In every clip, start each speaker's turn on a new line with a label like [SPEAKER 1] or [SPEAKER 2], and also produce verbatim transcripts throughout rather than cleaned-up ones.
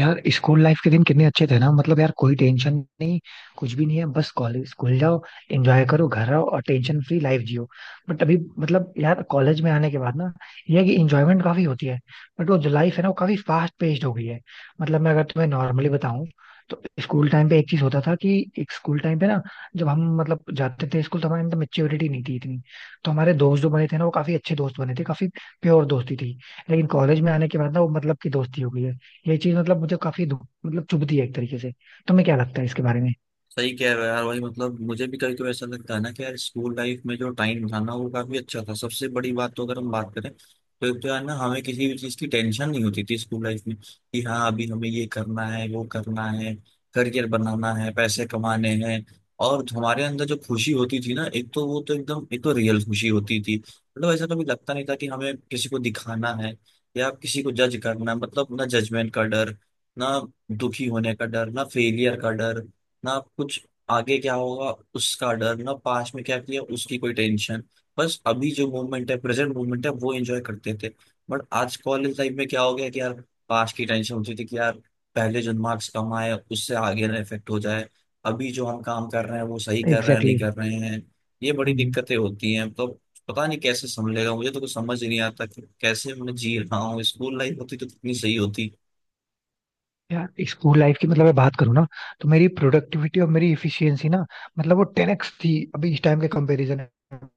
[SPEAKER 1] यार school life के दिन कितने अच्छे थे ना। मतलब यार कोई टेंशन नहीं, कुछ भी नहीं है। बस कॉलेज स्कूल जाओ, एंजॉय करो, घर आओ और टेंशन फ्री लाइफ जियो। बट अभी मतलब यार कॉलेज में आने के बाद ना ये है कि एंजॉयमेंट काफी होती है, बट वो जो लाइफ है ना वो काफी फास्ट पेस्ड हो गई है। मतलब मैं अगर तुम्हें नॉर्मली बताऊं तो स्कूल टाइम पे एक चीज होता था कि एक स्कूल टाइम पे ना जब हम मतलब जाते थे स्कूल तो हमारे अंदर मेच्योरिटी नहीं थी इतनी। तो हमारे दोस्त जो बने थे ना वो काफी अच्छे दोस्त बने थे, काफी प्योर दोस्ती थी। लेकिन कॉलेज में आने के बाद ना वो मतलब की दोस्ती हो गई है। ये चीज मतलब मुझे काफी धु- मतलब चुभती है एक तरीके से। तुम्हें क्या लगता है इसके बारे में?
[SPEAKER 2] सही कह रहे हो यार। वही मतलब मुझे भी कभी कभी ऐसा लगता है ना कि यार स्कूल लाइफ में जो टाइम था ना वो काफी अच्छा था। सबसे बड़ी बात तो अगर हम बात करें तो एक तो यार ना हमें किसी भी चीज की टेंशन नहीं होती थी स्कूल लाइफ में, कि हाँ अभी हमें ये करना है वो करना है, करियर बनाना है पैसे कमाने हैं। और हमारे अंदर जो खुशी होती थी ना, एक तो वो तो एकदम एक तो रियल खुशी होती थी। मतलब ऐसा कभी लगता नहीं था कि हमें किसी को दिखाना है या किसी को जज करना। मतलब ना जजमेंट का डर, ना दुखी होने का डर, ना फेलियर का डर, ना कुछ आगे क्या होगा उसका डर, ना पास्ट में क्या किया उसकी कोई टेंशन। बस अभी जो मोमेंट है प्रेजेंट मोमेंट है वो एंजॉय करते थे। बट आज कॉलेज लाइफ में क्या हो गया, कि यार पास्ट की टेंशन होती थी कि यार पहले जो मार्क्स कम आए उससे आगे ना इफेक्ट हो जाए, अभी जो हम काम कर रहे हैं वो सही कर रहे हैं
[SPEAKER 1] एग्जैक्टली
[SPEAKER 2] नहीं
[SPEAKER 1] exactly।
[SPEAKER 2] कर रहे हैं। ये बड़ी
[SPEAKER 1] हम्म,
[SPEAKER 2] दिक्कतें होती हैं। तो पता नहीं कैसे संभलेगा, मुझे तो कुछ समझ ही नहीं आता कि कैसे मैं जी रहा हूँ। स्कूल लाइफ होती तो कितनी सही होती।
[SPEAKER 1] यार स्कूल लाइफ की मतलब मैं बात करूँ ना तो मेरी प्रोडक्टिविटी और मेरी इफिशियंसी ना मतलब वो टेन एक्स थी अभी इस टाइम के कंपैरिजन में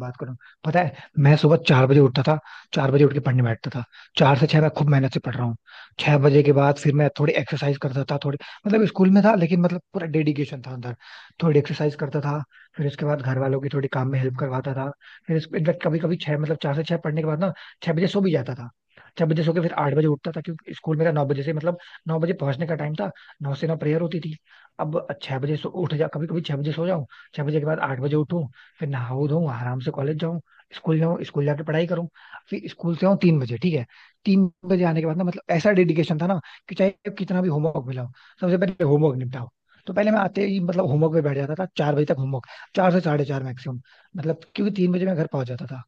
[SPEAKER 1] बात करूँ। पता है, मैं सुबह चार बजे उठता था। चार बजे उठ के पढ़ने बैठता था। चार से छह मैं खूब मेहनत से पढ़ रहा हूँ। छह बजे के बाद फिर मैं थोड़ी एक्सरसाइज करता था, थोड़ी मतलब स्कूल में था, लेकिन मतलब पूरा डेडिकेशन था अंदर। थोड़ी एक्सरसाइज करता था। फिर उसके बाद घर वालों की थोड़ी काम में हेल्प करवाता था। फिर इनफैक्ट कभी कभी छह मतलब चार से छह पढ़ने के बाद ना छह बजे सो भी जाता था। छह बजे सो के फिर आठ बजे उठता था, क्योंकि स्कूल मेरा नौ बजे से मतलब नौ बजे पहुंचने का टाइम था। नौ से नौ प्रेयर होती थी। अब छह बजे सो उठ जा, कभी कभी छह बजे सो जाऊं, छह बजे के बाद आठ बजे उठूं। फिर नहाऊं धोऊं, आराम से कॉलेज जाऊं, स्कूल जाऊं, स्कूल जाके पढ़ाई करूं। फिर स्कूल से आऊं तीन बजे, ठीक है। तीन बजे आने के बाद ना मतलब ऐसा डेडिकेशन था ना कि चाहे कितना भी होमवर्क मिला हो सबसे पहले होमवर्क निपटाओ। तो पहले मैं आते ही मतलब होमवर्क पे बैठ जाता था, चार बजे तक होमवर्क, चार से साढ़े चार मैक्सिमम। मतलब क्योंकि तीन बजे मैं घर पहुंच जाता था,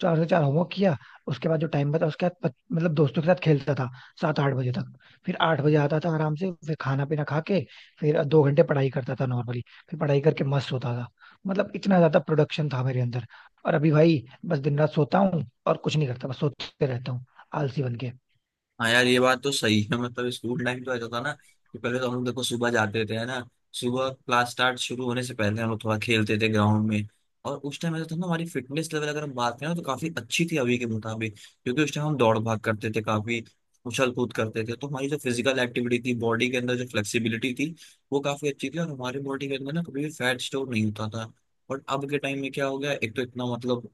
[SPEAKER 1] चार से चार होमवर्क किया। उसके बाद जो टाइम बचा उसके बाद पच- मतलब दोस्तों के साथ खेलता था सात आठ बजे तक। फिर आठ बजे आता था, आराम से फिर खाना पीना खा के फिर दो घंटे पढ़ाई करता था नॉर्मली। फिर पढ़ाई करके मस्त होता था। मतलब इतना ज्यादा प्रोडक्शन था मेरे अंदर। और अभी भाई बस दिन रात सोता हूँ और कुछ नहीं करता, बस सोते रहता हूँ आलसी बन के।
[SPEAKER 2] हाँ यार ये बात तो सही है। मतलब स्कूल टाइम तो ऐसा था ना कि पहले तो हम लोग देखो सुबह जाते थे है ना। सुबह क्लास स्टार्ट शुरू होने से पहले हम लोग थोड़ा खेलते थे ग्राउंड में। और उस टाइम ऐसा था ना, हमारी फिटनेस लेवल अगर हम बात करें ना, तो काफी अच्छी थी अभी के मुताबिक। क्योंकि उस टाइम हम दौड़ भाग करते थे काफी, उछल कूद करते थे, तो हमारी जो फिजिकल एक्टिविटी थी बॉडी के अंदर, जो फ्लेक्सिबिलिटी थी वो काफी अच्छी थी। और हमारी बॉडी के अंदर ना कभी भी फैट स्टोर नहीं होता था। बट अब के टाइम में क्या हो गया, एक तो इतना मतलब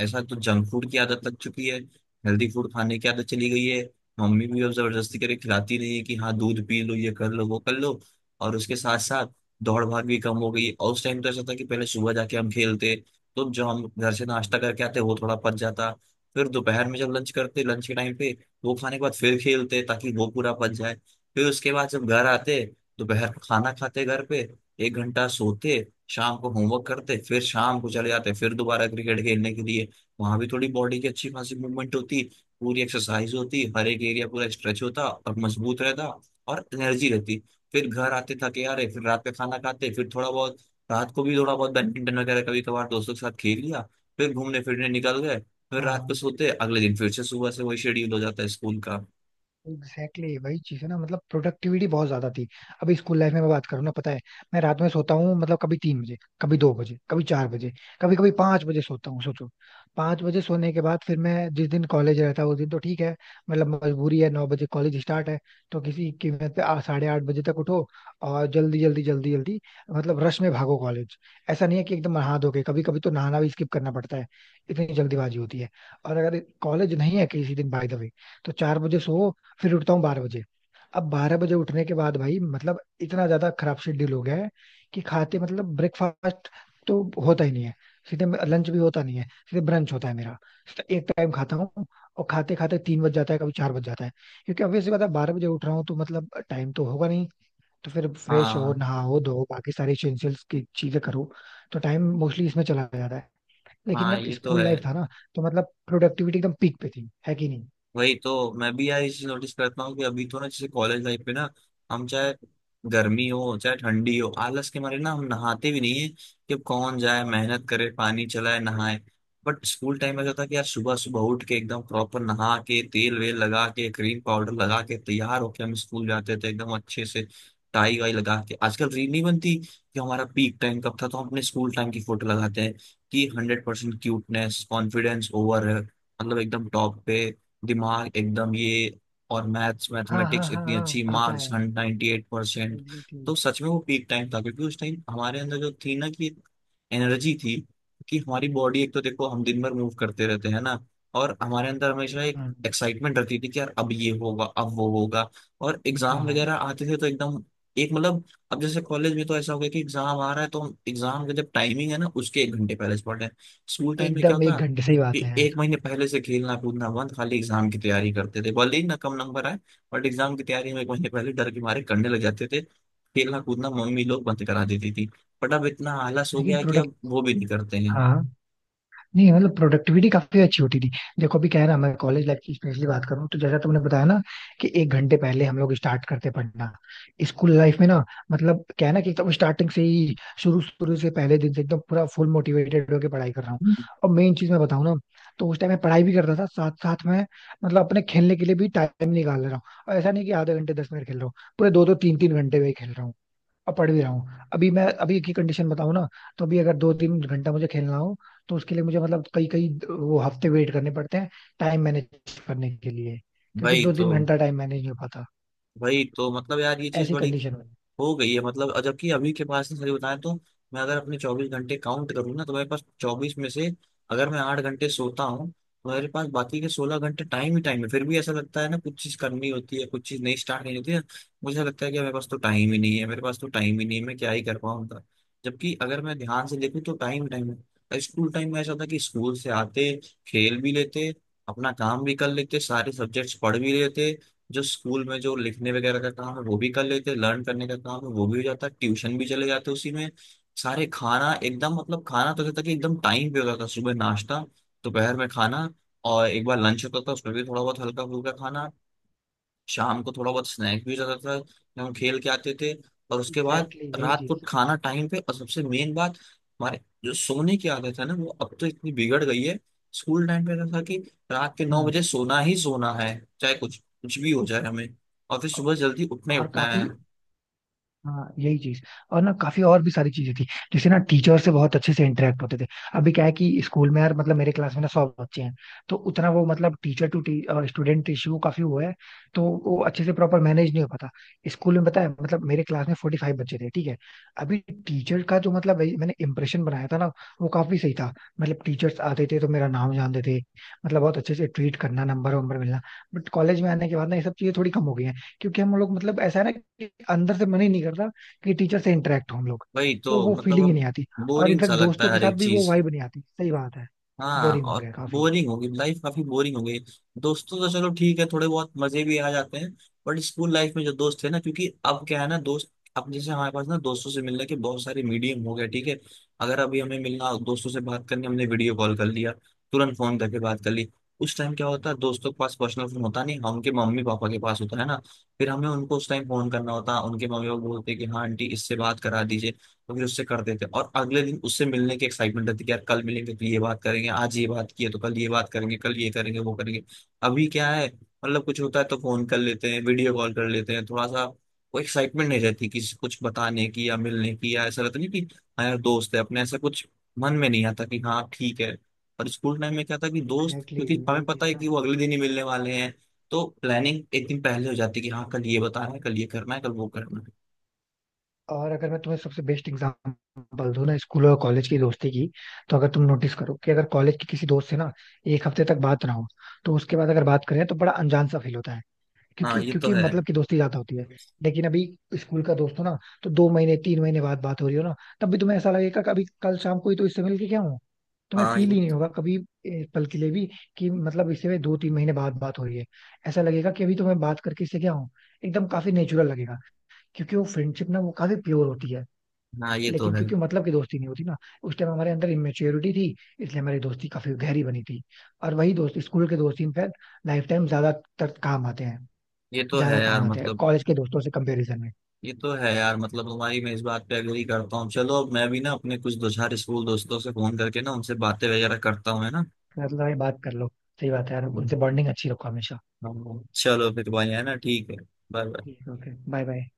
[SPEAKER 2] ऐसा तो जंक फूड की आदत लग चुकी है, हेल्दी फूड खाने की आदत चली गई है। मम्मी भी अब जबरदस्ती करके खिलाती नहीं है कि हाँ दूध पी लो ये कर लो वो कर लो। और उसके साथ साथ दौड़ भाग भी कम हो गई है। और उस टाइम तो ऐसा था कि पहले सुबह जाके हम खेलते, तो जो हम घर से नाश्ता करके आते वो थोड़ा पच जाता। फिर दोपहर में जब लंच करते लंच के टाइम पे वो खाने के बाद फिर खेलते ताकि वो पूरा पच जाए। फिर उसके बाद जब घर आते दोपहर का खाना खाते घर पे, एक घंटा सोते, शाम को होमवर्क करते, फिर शाम को चले जाते फिर दोबारा क्रिकेट खेलने के लिए। वहां भी थोड़ी बॉडी की अच्छी खासी मूवमेंट होती, पूरी एक्सरसाइज होती, हर एक एरिया पूरा स्ट्रेच होता और मजबूत रहता और एनर्जी रहती। फिर घर आते थके, आ रहे फिर रात का खाना खाते, फिर थोड़ा बहुत रात को भी थोड़ा बहुत बैडमिंटन वगैरह कभी कभार दोस्तों के साथ खेल लिया, फिर घूमने फिरने निकल गए, फिर रात को
[SPEAKER 1] हाँ,
[SPEAKER 2] सोते। अगले दिन फिर से सुबह से वही शेड्यूल हो जाता है स्कूल का।
[SPEAKER 1] एग्जैक्टली exactly, वही चीज है ना। मतलब प्रोडक्टिविटी बहुत ज्यादा थी। अभी स्कूल लाइफ में मैं बात करूँ ना, पता है मैं रात में सोता हूँ मतलब कभी तीन बजे, कभी दो बजे, कभी चार बजे, कभी कभी पांच बजे सोता हूँ, सोचो। पांच बजे सोने के बाद फिर मैं जिस दिन कॉलेज रहता उस दिन तो ठीक है, मतलब मजबूरी है, नौ बजे कॉलेज स्टार्ट है। तो किसी कीमत पे आ- साढ़े आठ बजे तक उठो और जल्दी जल्दी जल्दी जल्दी मतलब रश में भागो कॉलेज। ऐसा नहीं है कि एकदम नहा धो के, कभी कभी तो नहाना भी स्किप करना पड़ता है। इतनी जल्दीबाजी होती है। और अगर कॉलेज नहीं है किसी दिन बाय द वे, तो चार बजे सो फिर उठता हूँ बारह बजे। अब बारह बजे उठने के बाद भाई मतलब इतना ज्यादा खराब शेड्यूल हो गया है कि खाते मतलब ब्रेकफास्ट तो होता ही नहीं है, सीधे लंच भी होता नहीं है, सीधे ब्रंच होता है मेरा। सीधे एक टाइम खाता हूँ और खाते खाते तीन बज जाता है, कभी चार बज जाता है, क्योंकि ऑब्वियसली बात है बारह बजे उठ रहा हूँ तो मतलब टाइम तो होगा नहीं। तो फिर फ्रेश हो
[SPEAKER 2] हाँ
[SPEAKER 1] नहाओ धो बाकी सारी इसेंशियल्स की चीजें करो, तो टाइम मोस्टली इसमें चला जाता है। लेकिन
[SPEAKER 2] हाँ,
[SPEAKER 1] जब
[SPEAKER 2] ये तो
[SPEAKER 1] स्कूल
[SPEAKER 2] है।
[SPEAKER 1] लाइफ था ना तो मतलब प्रोडक्टिविटी एकदम पीक पे थी, है कि नहीं?
[SPEAKER 2] वही तो मैं भी यार ये चीज नोटिस करता हूँ कि अभी तो ना, जैसे कॉलेज लाइफ पे ना, हम चाहे गर्मी हो चाहे ठंडी हो आलस के मारे ना हम नहाते भी नहीं है, कि अब कौन जाए मेहनत करे पानी चलाए नहाए। बट स्कूल टाइम में ऐसा था कि यार सुबह सुबह उठ के एकदम प्रॉपर नहा के तेल वेल लगा के क्रीम पाउडर लगा के तैयार होके हम स्कूल जाते थे एकदम अच्छे से, टाई वाई लगा के। आजकल रील नहीं बनती कि हमारा पीक टाइम कब था, तो हम अपने स्कूल टाइम की फोटो लगाते हैं, कि hundred percent cuteness confidence over है, मतलब एकदम टॉप पे, दिमाग एकदम ये, और मैथ्स
[SPEAKER 1] हाँ हाँ
[SPEAKER 2] मैथमेटिक्स
[SPEAKER 1] हाँ
[SPEAKER 2] इतनी
[SPEAKER 1] हाँ
[SPEAKER 2] अच्छी,
[SPEAKER 1] आता
[SPEAKER 2] मार्क्स
[SPEAKER 1] है,
[SPEAKER 2] अट्ठानवे परसेंट।
[SPEAKER 1] एग्जैक्टली।
[SPEAKER 2] तो सच में वो पीक टाइम था। क्योंकि उस टाइम हमारे अंदर जो थी ना कि एनर्जी थी, कि हमारी बॉडी, एक तो देखो हम दिन भर मूव करते रहते हैं ना, और हमारे अंदर हमेशा एक
[SPEAKER 1] हाँ
[SPEAKER 2] एक्साइटमेंट रहती थी कि यार अब ये होगा अब वो होगा। और
[SPEAKER 1] हाँ
[SPEAKER 2] एग्जाम
[SPEAKER 1] हाँ,
[SPEAKER 2] वगैरह आते थे तो एकदम एक मतलब, अब जैसे कॉलेज में तो ऐसा हो गया कि एग्जाम आ रहा है तो हम एग्जाम का जब टाइमिंग है ना उसके एक घंटे पहले से पढ़ रहे हैं। स्कूल टाइम में क्या
[SPEAKER 1] एकदम एक
[SPEAKER 2] होता,
[SPEAKER 1] घंटे सही
[SPEAKER 2] कि
[SPEAKER 1] बात है यार।
[SPEAKER 2] एक महीने पहले से खेलना कूदना बंद, खाली एग्जाम की तैयारी करते थे, भले ही ना कम नंबर आए, बट एग्जाम की तैयारी हम एक महीने पहले डर के मारे करने लग जाते थे, खेलना कूदना मम्मी लोग बंद करा देती थी। बट अब इतना आलस हो गया
[SPEAKER 1] लेकिन
[SPEAKER 2] है कि
[SPEAKER 1] प्रोडक्ट
[SPEAKER 2] अब वो भी नहीं करते हैं।
[SPEAKER 1] हाँ हाँ। नहीं मतलब प्रोडक्टिविटी काफी अच्छी होती थी। देखो अभी क्या है ना, मैं कॉलेज लाइफ की स्पेशली बात करूँ तो जैसा तुमने बताया ना कि एक घंटे पहले हम लोग स्टार्ट करते पढ़ना। स्कूल लाइफ में ना मतलब क्या है ना कि एकदम स्टार्टिंग से ही, शुरू शुरू से पहले दिन से एकदम पूरा फुल मोटिवेटेड होकर पढ़ाई कर रहा हूँ।
[SPEAKER 2] हम्म।
[SPEAKER 1] और मेन चीज मैं बताऊँ ना तो उस टाइम मैं पढ़ाई भी करता था साथ साथ में, मतलब अपने खेलने के लिए भी टाइम निकाल रहा हूँ। और ऐसा नहीं कि आधे घंटे दस मिनट खेल रहा हूँ, पूरे दो दो तीन तीन घंटे में ही खेल रहा हूँ। अब पढ़ भी रहा हूँ। अभी मैं अभी की कंडीशन बताऊँ ना, तो अभी अगर दो तीन घंटा मुझे खेलना हो तो उसके लिए मुझे मतलब कई कई वो हफ्ते वेट करने पड़ते हैं टाइम मैनेज करने के लिए, क्योंकि
[SPEAKER 2] वही
[SPEAKER 1] दो
[SPEAKER 2] तो
[SPEAKER 1] तीन घंटा टाइम मैनेज नहीं हो पाता
[SPEAKER 2] वही तो मतलब यार ये चीज
[SPEAKER 1] ऐसी
[SPEAKER 2] बड़ी
[SPEAKER 1] कंडीशन में।
[SPEAKER 2] हो गई है, मतलब। और जबकि अभी के पास सही बताएं तो, मैं अगर अपने चौबीस घंटे काउंट करूँ ना, तो मेरे पास चौबीस में से अगर मैं आठ घंटे सोता हूँ तो मेरे पास बाकी के सोलह घंटे टाइम ही टाइम है। फिर भी ऐसा लगता है ना, कुछ चीज करनी होती है, कुछ चीज नहीं स्टार्ट नहीं होती है। मुझे लगता है कि मेरे पास तो टाइम ही नहीं है, मेरे पास तो टाइम ही नहीं है, मैं क्या ही कर पाऊंगा। जबकि अगर मैं ध्यान से देखूँ तो टाइम टाइम है। स्कूल टाइम में ऐसा था कि स्कूल से आते, खेल भी लेते, अपना काम भी कर लेते, सारे सब्जेक्ट्स पढ़ भी लेते, जो स्कूल में जो लिखने वगैरह का काम है वो भी कर लेते हैं, लर्न करने का काम है वो भी हो जाता है, ट्यूशन भी चले जाते हैं उसी में। सारे खाना एकदम, मतलब खाना तो जैसे कि एकदम टाइम पे होता था, सुबह नाश्ता, दोपहर में खाना, और एक बार लंच होता था उसमें भी थोड़ा बहुत हल्का फुल्का खाना। शाम को थोड़ा बहुत स्नैक भी रहता था जब हम खेल के आते थे। और उसके बाद
[SPEAKER 1] एग्जैक्टली exactly, यही
[SPEAKER 2] रात को
[SPEAKER 1] चीज।
[SPEAKER 2] खाना टाइम पे। और सबसे मेन बात, हमारे जो सोने की आदत है ना वो अब तो इतनी बिगड़ गई है। स्कूल टाइम पे रहता था कि रात के नौ
[SPEAKER 1] हम्म।
[SPEAKER 2] बजे सोना ही सोना है, चाहे कुछ कुछ भी हो जाए हमें, और फिर सुबह जल्दी उठना ही
[SPEAKER 1] और
[SPEAKER 2] उठना है।
[SPEAKER 1] काफी, हाँ यही चीज। और ना काफी और भी सारी चीजें थी, जैसे ना टीचर से बहुत अच्छे से इंटरेक्ट होते थे। अभी क्या है कि स्कूल में यार मतलब मेरे क्लास में ना सौ बच्चे हैं, तो उतना वो मतलब टीचर टू स्टूडेंट रेशियो काफी हुआ है, तो वो अच्छे से प्रॉपर मैनेज नहीं हो पाता। स्कूल में पता है मतलब मेरे क्लास में फोर्टी फाइव बच्चे थे, ठीक है। अभी टीचर का जो मतलब वही मैंने इंप्रेशन बनाया था ना वो काफी सही था। मतलब टीचर्स आते थे तो मेरा नाम जानते थे। मतलब बहुत अच्छे से ट्रीट करना, नंबर वंबर मिलना। बट कॉलेज में आने के बाद ना ये सब चीजें थोड़ी कम हो गई हैं, क्योंकि हम लोग मतलब ऐसा है ना कि अंदर से मन ही नहीं करता कि टीचर से इंटरेक्ट हो हम लोग।
[SPEAKER 2] वही
[SPEAKER 1] वो
[SPEAKER 2] तो
[SPEAKER 1] वो
[SPEAKER 2] मतलब,
[SPEAKER 1] फीलिंग ही
[SPEAKER 2] अब
[SPEAKER 1] नहीं आती। और
[SPEAKER 2] बोरिंग सा
[SPEAKER 1] इनफैक्ट
[SPEAKER 2] लगता है
[SPEAKER 1] दोस्तों के
[SPEAKER 2] हर
[SPEAKER 1] साथ
[SPEAKER 2] एक
[SPEAKER 1] भी वो
[SPEAKER 2] चीज।
[SPEAKER 1] वाइब नहीं आती, सही बात है।
[SPEAKER 2] हाँ,
[SPEAKER 1] बोरिंग हो
[SPEAKER 2] और
[SPEAKER 1] गया काफी।
[SPEAKER 2] बोरिंग होगी लाइफ, काफी बोरिंग हो गई। दोस्तों तो चलो ठीक है थोड़े बहुत मजे भी आ जाते हैं। बट स्कूल लाइफ में जो दोस्त थे ना, क्योंकि अब क्या है ना दोस्त, अब जैसे हमारे पास ना दोस्तों से मिलने के बहुत सारे मीडियम हो गए, ठीक है। अगर अभी हमें मिलना दोस्तों से बात करनी, हमने वीडियो कॉल कर लिया, तुरंत फोन करके बात कर ली। उस टाइम क्या होता है, दोस्तों के पास पर्सनल फोन होता नहीं, हाँ, उनके मम्मी पापा के पास होता है ना। फिर हमें उनको उस टाइम फोन करना होता, उनके मम्मी पापा बोलते कि हाँ आंटी इससे बात करा दीजिए, तो फिर उससे कर देते हैं। और अगले दिन उससे मिलने की एक्साइटमेंट रहती है कि यार कल मिलेंगे तो ये बात करेंगे, आज ये बात की है तो कल ये बात करेंगे, कल ये करेंगे वो करेंगे। अभी क्या है, मतलब कुछ होता है तो फोन कर लेते हैं, वीडियो कॉल कर लेते हैं थोड़ा सा। वो एक्साइटमेंट नहीं रहती किसी कुछ बताने की या मिलने की, या ऐसा रहता नहीं कि हाँ यार दोस्त है अपने, ऐसा कुछ मन में नहीं आता, कि हाँ ठीक है। और स्कूल टाइम में क्या था कि दोस्त,
[SPEAKER 1] एग्जैक्टली
[SPEAKER 2] क्योंकि
[SPEAKER 1] exactly,
[SPEAKER 2] हमें
[SPEAKER 1] यही चीज
[SPEAKER 2] पता
[SPEAKER 1] है
[SPEAKER 2] है
[SPEAKER 1] ना।
[SPEAKER 2] कि वो अगले दिन ही मिलने वाले हैं, तो प्लानिंग एक दिन पहले हो जाती है, कि हाँ कल ये बताना है कल ये करना है कल वो करना है।
[SPEAKER 1] और अगर मैं तुम्हें सबसे बेस्ट एग्जांपल दूं ना स्कूल और कॉलेज की दोस्ती की, तो अगर तुम नोटिस करो कि अगर कॉलेज के किसी दोस्त से ना एक हफ्ते तक बात ना हो तो उसके बाद अगर बात करें तो बड़ा अनजान सा फील होता है,
[SPEAKER 2] हाँ
[SPEAKER 1] क्योंकि
[SPEAKER 2] ये तो
[SPEAKER 1] क्योंकि
[SPEAKER 2] है।
[SPEAKER 1] मतलब की दोस्ती ज्यादा होती है। लेकिन अभी स्कूल का दोस्त हो ना तो दो महीने तीन महीने बाद बात हो रही हो ना तब भी तुम्हें ऐसा लगेगा कभी कल शाम को ही तो इससे मिल के क्या हूँ। तुम्हें
[SPEAKER 2] हाँ
[SPEAKER 1] फील ही नहीं होगा कभी। ए, पल के लिए भी कि मतलब इससे दो तीन महीने बाद बात हो रही है, ऐसा लगेगा कि अभी तो मैं बात करके इससे क्या हूँ, एकदम काफी नेचुरल लगेगा क्योंकि वो फ्रेंडशिप ना वो काफी प्योर होती है।
[SPEAKER 2] हाँ, ये तो
[SPEAKER 1] लेकिन
[SPEAKER 2] है।
[SPEAKER 1] क्योंकि मतलब की दोस्ती नहीं होती ना, उस टाइम हमारे अंदर इमेच्योरिटी थी इसलिए हमारी दोस्ती काफी गहरी बनी थी। और वही दोस्त स्कूल के दोस्त इनफैक्ट लाइफ टाइम ज्यादातर काम आते हैं,
[SPEAKER 2] ये तो है
[SPEAKER 1] ज्यादा
[SPEAKER 2] यार
[SPEAKER 1] काम आते हैं
[SPEAKER 2] मतलब।
[SPEAKER 1] कॉलेज के दोस्तों से कंपैरिजन में।
[SPEAKER 2] ये तो है यार मतलब, तुम्हारी मैं इस बात पे एग्री करता हूँ। चलो, अब मैं भी ना अपने कुछ दो चार स्कूल दोस्तों से फोन करके ना उनसे बातें वगैरह करता हूँ, है ना।
[SPEAKER 1] मतलब भाई बात कर लो, सही बात है यार,
[SPEAKER 2] हाँ,
[SPEAKER 1] उनसे बॉन्डिंग अच्छी रखो हमेशा।
[SPEAKER 2] हाँ, हाँ। चलो फिर भाई, है ना, ठीक है। Bye bye.
[SPEAKER 1] ठीक है, ओके बाय बाय।